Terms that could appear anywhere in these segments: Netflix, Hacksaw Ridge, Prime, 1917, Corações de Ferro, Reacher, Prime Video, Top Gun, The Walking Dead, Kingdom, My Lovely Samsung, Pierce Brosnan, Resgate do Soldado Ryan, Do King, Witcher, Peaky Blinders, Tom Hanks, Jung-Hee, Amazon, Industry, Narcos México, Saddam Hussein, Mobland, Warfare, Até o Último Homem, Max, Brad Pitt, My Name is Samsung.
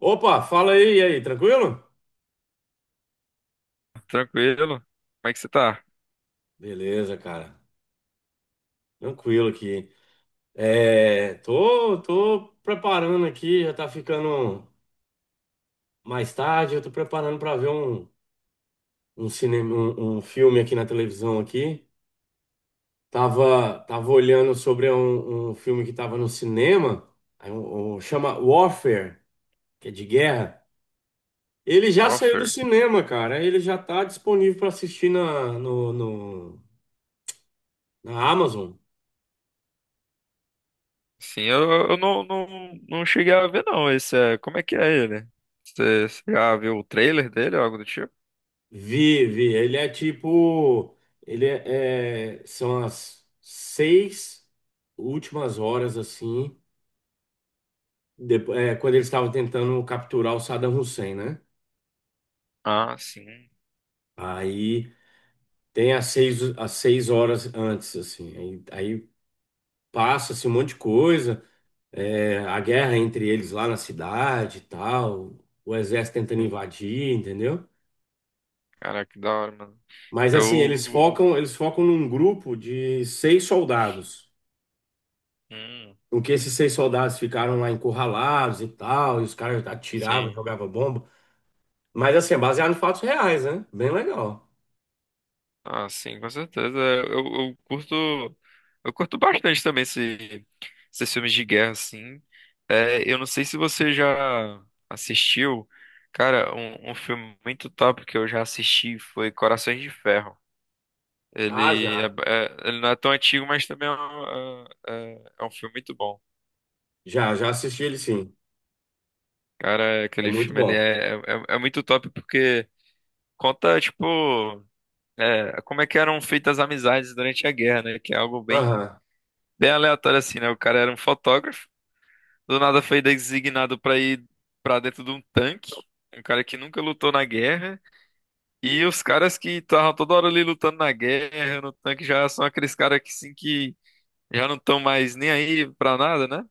Opa, fala aí, e aí, tranquilo? Tranquilo? Como é que você tá? Beleza, cara. Tranquilo aqui. É, tô preparando aqui, já tá ficando mais tarde, eu tô preparando pra ver um filme aqui na televisão aqui. Tava olhando sobre um filme que tava no cinema, aí chama Warfare, que é de guerra. Ele já saiu do Warfare? cinema, cara. Ele já tá disponível pra assistir na, no, no- na Amazon. Sim, eu não cheguei a ver não. Esse é, como é que é ele? Você já viu o trailer dele ou algo do tipo? Vi, vi. Ele é tipo. São as 6 últimas horas, assim, depois, é, quando eles estavam tentando capturar o Saddam Hussein, né? Ah, sim. Aí tem as seis horas antes, assim. Aí passa-se um monte de coisa. É, a guerra entre eles lá na cidade e tal. O exército tentando Sim. invadir, entendeu? Caraca, que da hora, mano. Mas assim, Eu. eles focam num grupo de seis soldados. Hum, Com que esses seis soldados ficaram lá encurralados e tal, e os caras atiravam, sim. jogavam bomba. Mas assim, é baseado em fatos reais, né? Bem legal. Ah, sim, com certeza. Eu curto bastante também esses filmes de guerra, assim. É, eu não sei se você já assistiu, cara, um filme muito top que eu já assisti foi Corações de Ferro. Ah, Ele, é, já. é- ele não é tão antigo, mas também é um filme muito bom. Já assisti ele sim. Cara, É aquele muito filme ele bom. é muito top porque conta, tipo, como é que eram feitas as amizades durante a guerra, né? Que é algo bem Aham. bem aleatório assim, né? O cara era um fotógrafo, do nada foi designado pra ir pra dentro de um tanque, um cara que nunca lutou na guerra, e os caras que estavam toda hora ali lutando na guerra, no tanque, já são aqueles caras que sim que já não estão mais nem aí pra nada, né?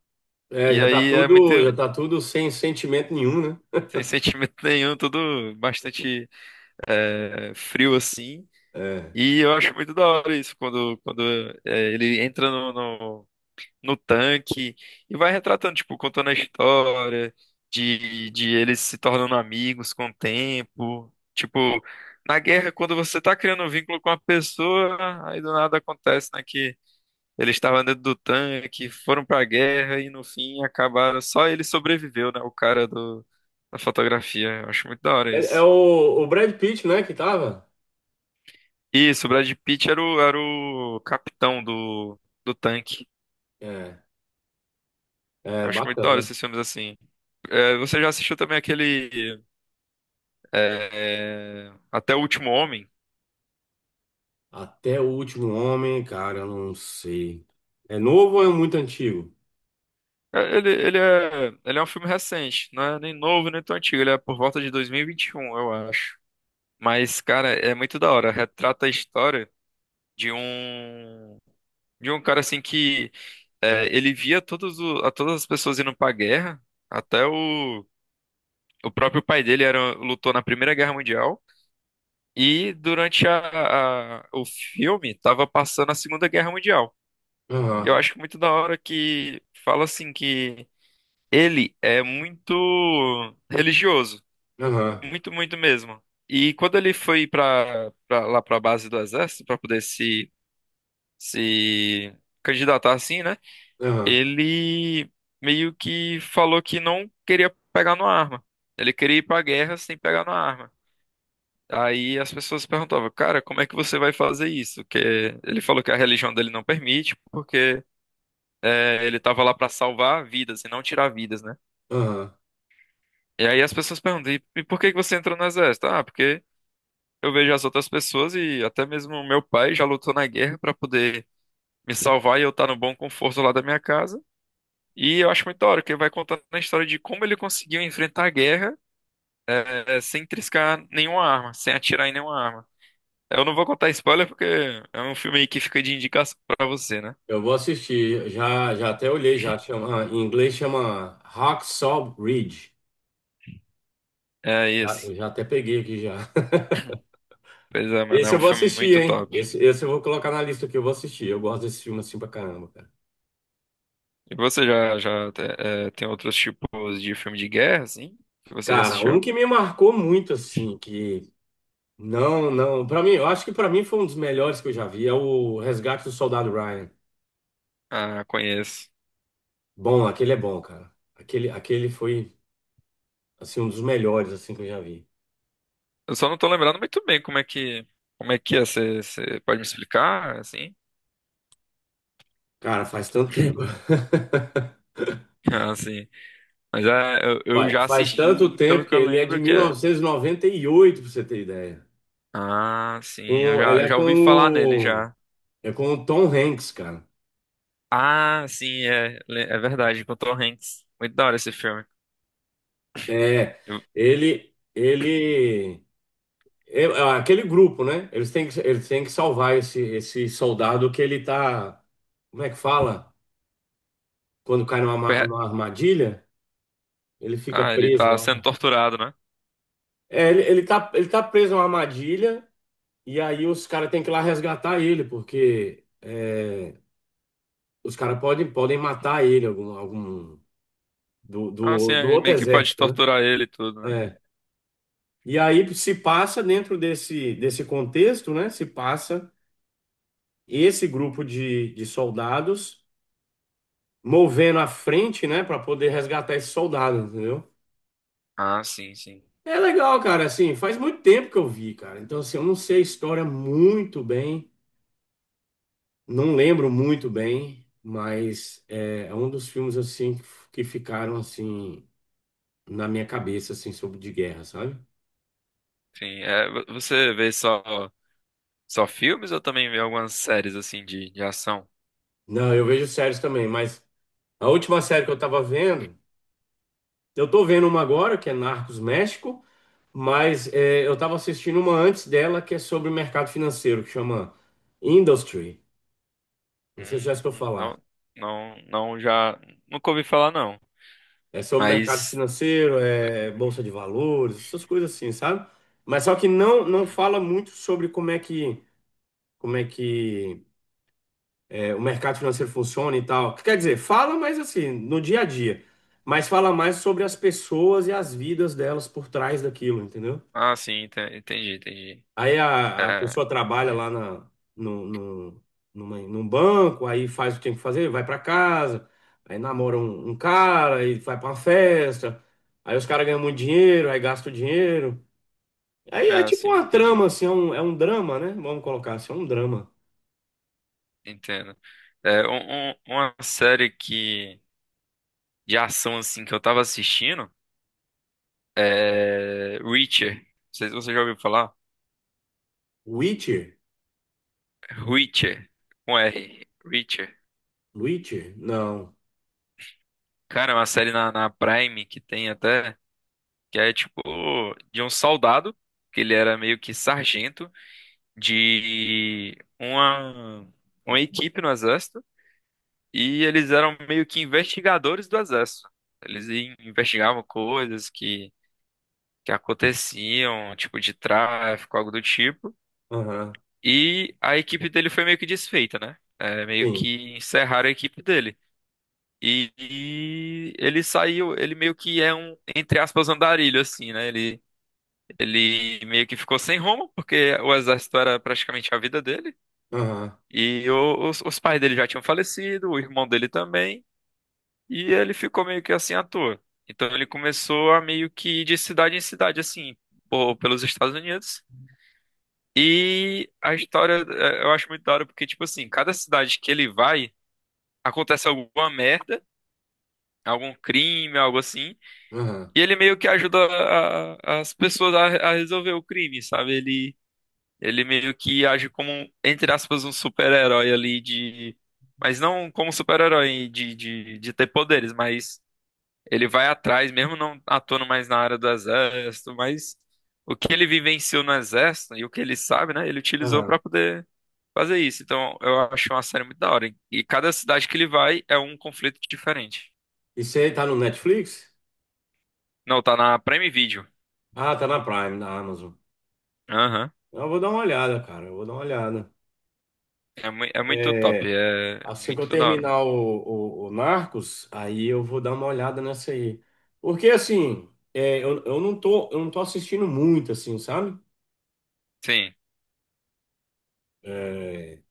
É, E já tá aí é muito tudo, já tá tudo sem sentimento nenhum, né? sem sentimento nenhum, tudo bastante frio assim. É. E eu acho muito da hora isso, quando, quando ele entra no tanque e vai retratando, tipo, contando a história de eles se tornando amigos com o tempo. Tipo, na guerra, quando você tá criando um vínculo com uma pessoa, aí do nada acontece, né, que eles estavam dentro do tanque, foram pra guerra e no fim acabaram, só ele sobreviveu, né, o cara do, da fotografia. Eu acho muito da hora É isso. o Brad Pitt, né, que tava? Isso, o Brad Pitt era o capitão do tanque. É, é Eu acho muito da hora bacana. esses filmes assim. É, você já assistiu também aquele. É, Até o Último Homem. Até o último homem, cara, eu não sei. É novo ou é muito antigo? É, Ele, ele é um filme recente, não é nem novo, nem tão antigo. Ele é por volta de 2021, eu acho. Mas, cara, é muito da hora. Retrata a história de um de um cara assim que ele via a todas as pessoas indo pra guerra. Até o próprio pai dele lutou na Primeira Guerra Mundial. E durante o filme, tava passando a Segunda Guerra Mundial. E eu Aham, acho muito da hora que fala assim que. Ele é muito religioso, aham, muito, muito mesmo. E quando ele foi para lá para a base do exército para poder se candidatar assim, né? aham, Ele meio que falou que não queria pegar numa arma. Ele queria ir para a guerra sem pegar numa arma. Aí as pessoas perguntavam, cara, como é que você vai fazer isso? Que ele falou que a religião dele não permite, porque ele estava lá para salvar vidas e não tirar vidas, né? aham. E aí as pessoas perguntam, e por que que você entrou no exército? Ah, porque eu vejo as outras pessoas e até mesmo o meu pai já lutou na guerra pra poder me salvar e eu estar no bom conforto lá da minha casa. E eu acho muito da hora, que ele vai contando a história de como ele conseguiu enfrentar a guerra sem triscar nenhuma arma, sem atirar em nenhuma arma. Eu não vou contar spoiler porque é um filme aí que fica de indicação pra você, né? Eu vou assistir. Já até olhei, já chama, em inglês chama Hacksaw Ridge. É Já, isso. eu já até peguei aqui já. Pois é, mano, Esse é eu um vou filme assistir, muito hein? top. Esse eu vou colocar na lista que eu vou assistir. Eu gosto desse filme assim pra caramba, cara. E você já tem outros tipos de filme de guerra, assim, que você já Cara, um assistiu? que me marcou muito assim, que não, não, pra mim, eu acho que pra mim foi um dos melhores que eu já vi, é o Resgate do Soldado Ryan. Ah, conheço. Bom, aquele é bom, cara. Aquele foi assim um dos melhores assim que eu já vi. Eu só não tô lembrando muito bem como é que é. Você pode me explicar, assim? Cara, faz tanto tempo. Ah, sim. Mas é, eu Olha, já faz assisti, tanto e pelo tempo que que eu ele é de lembro que mil é. novecentos e noventa e oito, pra você ter ideia. Ah, sim. Eu já, Ele eu é já com ouvi falar nele o, já. é com o Tom Hanks, cara. Ah, sim, é verdade, com o Tom Hanks. Muito da hora esse filme. É, Eu- ele, ele, É aquele grupo, né? Eles têm que salvar esse soldado que ele tá, como é que fala? Quando cai numa, ma- é- numa armadilha, ele fica ah, ele preso tá sendo lá. torturado, né? É, ele tá preso numa armadilha e aí os caras têm que ir lá resgatar ele, porque os caras podem matar ele, algum do, Ah, sim, do, do outro meio que pode exército, né? torturar ele e tudo, né? É. E aí se passa dentro desse contexto, né? Se passa esse grupo de soldados movendo à frente, né? Para poder resgatar esses soldados, entendeu? Ah, sim, sim. É legal, cara. Assim, faz muito tempo que eu vi, cara. Então, assim, eu não sei a história muito bem, não lembro muito bem, mas é um dos filmes assim que ficaram assim na minha cabeça, assim, sobre de guerra, sabe? Sim, você vê só filmes ou também vê algumas séries assim de ação? Não, eu vejo séries também, mas a última série que eu tava vendo, eu tô vendo uma agora, que é Narcos México, mas eu tava assistindo uma antes dela, que é sobre o mercado financeiro, que chama Industry. Não sei se já Hum, escutou falar. não, não, já nunca ouvi falar não. É sobre mercado Mas, financeiro, é bolsa de valores, essas coisas assim, sabe? Mas só que não não hum, fala muito sobre como é que o mercado financeiro funciona e tal. Quer dizer, fala, mais assim, no dia a dia. Mas fala mais sobre as pessoas e as vidas delas por trás daquilo, entendeu? ah, sim, entendi, entendi. Aí a É, pessoa trabalha lá na, no, no, numa- num banco, aí faz o que tem que fazer, vai pra casa, aí namora um cara, aí vai pra uma festa, aí os caras ganham muito dinheiro, aí gasta o dinheiro. Aí é é, tipo sim, uma trama, entendi, assim, é um drama, né? Vamos colocar assim, é um drama. entendo. É, uma série que de ação assim que eu tava assistindo é Reacher. Não sei se você já ouviu falar. Witcher? Reacher, com R, Reacher. Witcher? Não. Cara, é uma série na Prime que tem até que é tipo de um soldado que ele era meio que sargento, de uma equipe no exército, e eles eram meio que investigadores do exército. Eles investigavam coisas que aconteciam, tipo de tráfico, algo do tipo. Aham. E a equipe dele foi meio que desfeita, né? É, meio Sim. que encerraram a equipe dele. E ele saiu, ele meio que é um, entre aspas, andarilho, assim, né? Ele meio que ficou sem rumo, porque o exército era praticamente a vida dele. Aham, E os pais dele já tinham falecido, o irmão dele também, e ele ficou meio que assim à toa. Então ele começou a meio que ir de cidade em cidade, assim, por pelos Estados Unidos. E a história eu acho muito da hora, porque, tipo assim, cada cidade que ele vai, acontece alguma merda, algum crime, algo assim, aham, e ele meio que ajuda as pessoas a resolver o crime, sabe? Ele meio que age como, um, entre aspas, um super-herói ali de. Mas não como super-herói de ter poderes, mas ele vai atrás, mesmo não atuando mais na área do exército, mas o que ele vivenciou no exército e o que ele sabe, né? Ele utilizou aham. pra poder fazer isso. Então eu acho uma série muito da hora. E cada cidade que ele vai é um conflito diferente. E aí tá no Netflix? Não, tá na Prime Video. Ah, tá na Prime, na Amazon. Aham. Eu vou dar uma olhada, cara. Eu vou dar uma olhada. É, é muito top, É, é assim que eu muito da hora, mesmo. terminar o Narcos, aí eu vou dar uma olhada nessa aí. Porque assim, eu não tô assistindo muito, assim, sabe? Sim. É,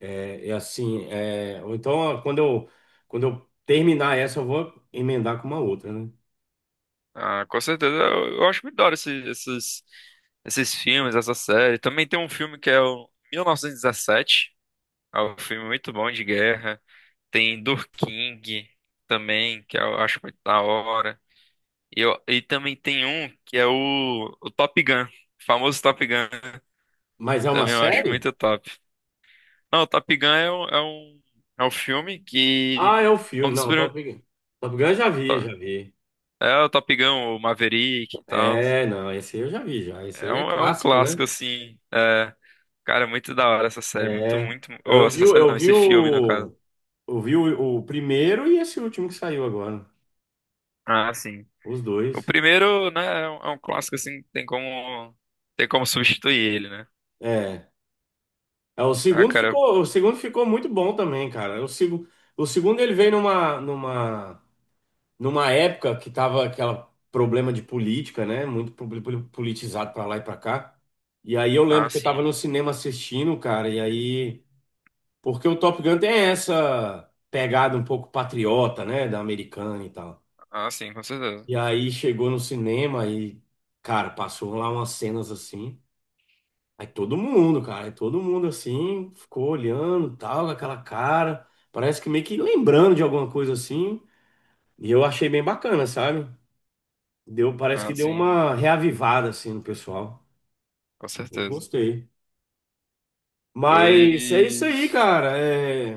é assim, ou então quando eu terminar essa, eu vou emendar com uma outra, né? Ah, com certeza. Eu acho muito da hora esses filmes, essa série. Também tem um filme que é o 1917. É um filme muito bom de guerra. Tem Do King também, que eu acho muito da hora. E também tem um que é o Top Gun. O famoso Top Gun. Mas é uma Também eu acho série? muito top. Não, o Top Gun é um, filme que... Ah, é o É um filme. dos Não, primeiros... Top Gun. Top Gun eu já vi, já vi. É o Top Gun, o Maverick e tal. É, não, esse aí eu já vi já. Esse É aí é um, é um clássico, né? clássico, assim. É. Cara, muito da hora essa série. Muito, É. muito. Ou Eu vi, essa o- série eu não, vi esse filme, no caso. o, eu vi o, o primeiro e esse último que saiu agora. Ah, sim. Os O dois. primeiro, né, é um clássico, assim, tem como. Tem como substituir ele, né? É. É, o Ah, segundo cara. ficou, o segundo ficou muito bom também, cara. O segundo ele veio numa época que tava aquele problema de política, né? Muito politizado pra lá e pra cá. E aí eu Ah, lembro que eu tava sim. no cinema assistindo, cara, e aí. Porque o Top Gun tem essa pegada um pouco patriota, né? Da americana e tal. Ah, sim, com certeza. E aí chegou no cinema e, cara, passou lá umas cenas assim. Aí todo mundo, cara, aí todo mundo assim, ficou olhando, tal, com aquela cara. Parece que meio que lembrando de alguma coisa assim. E eu achei bem bacana, sabe? Deu, parece que Ah, deu sim, uma reavivada assim no pessoal. com Eu certeza. gostei. Mas é isso aí, Pois. cara.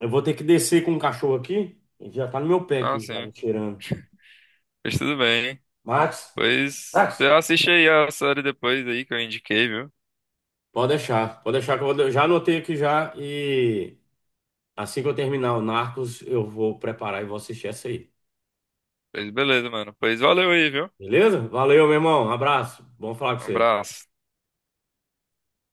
Eu vou ter que descer com o cachorro aqui. Ele já tá no meu pé Ah, aqui, já me sim. cheirando. Pois tudo bem. Max, Pois. Você Max, assiste aí a série depois aí que eu indiquei, viu? pode deixar, pode deixar que eu vou, já anotei aqui já e assim que eu terminar o Narcos, eu vou preparar e vou assistir essa aí. Pois beleza, mano. Pois valeu aí, viu? Beleza? Valeu, meu irmão. Um abraço. Bom falar com Um você. abraço.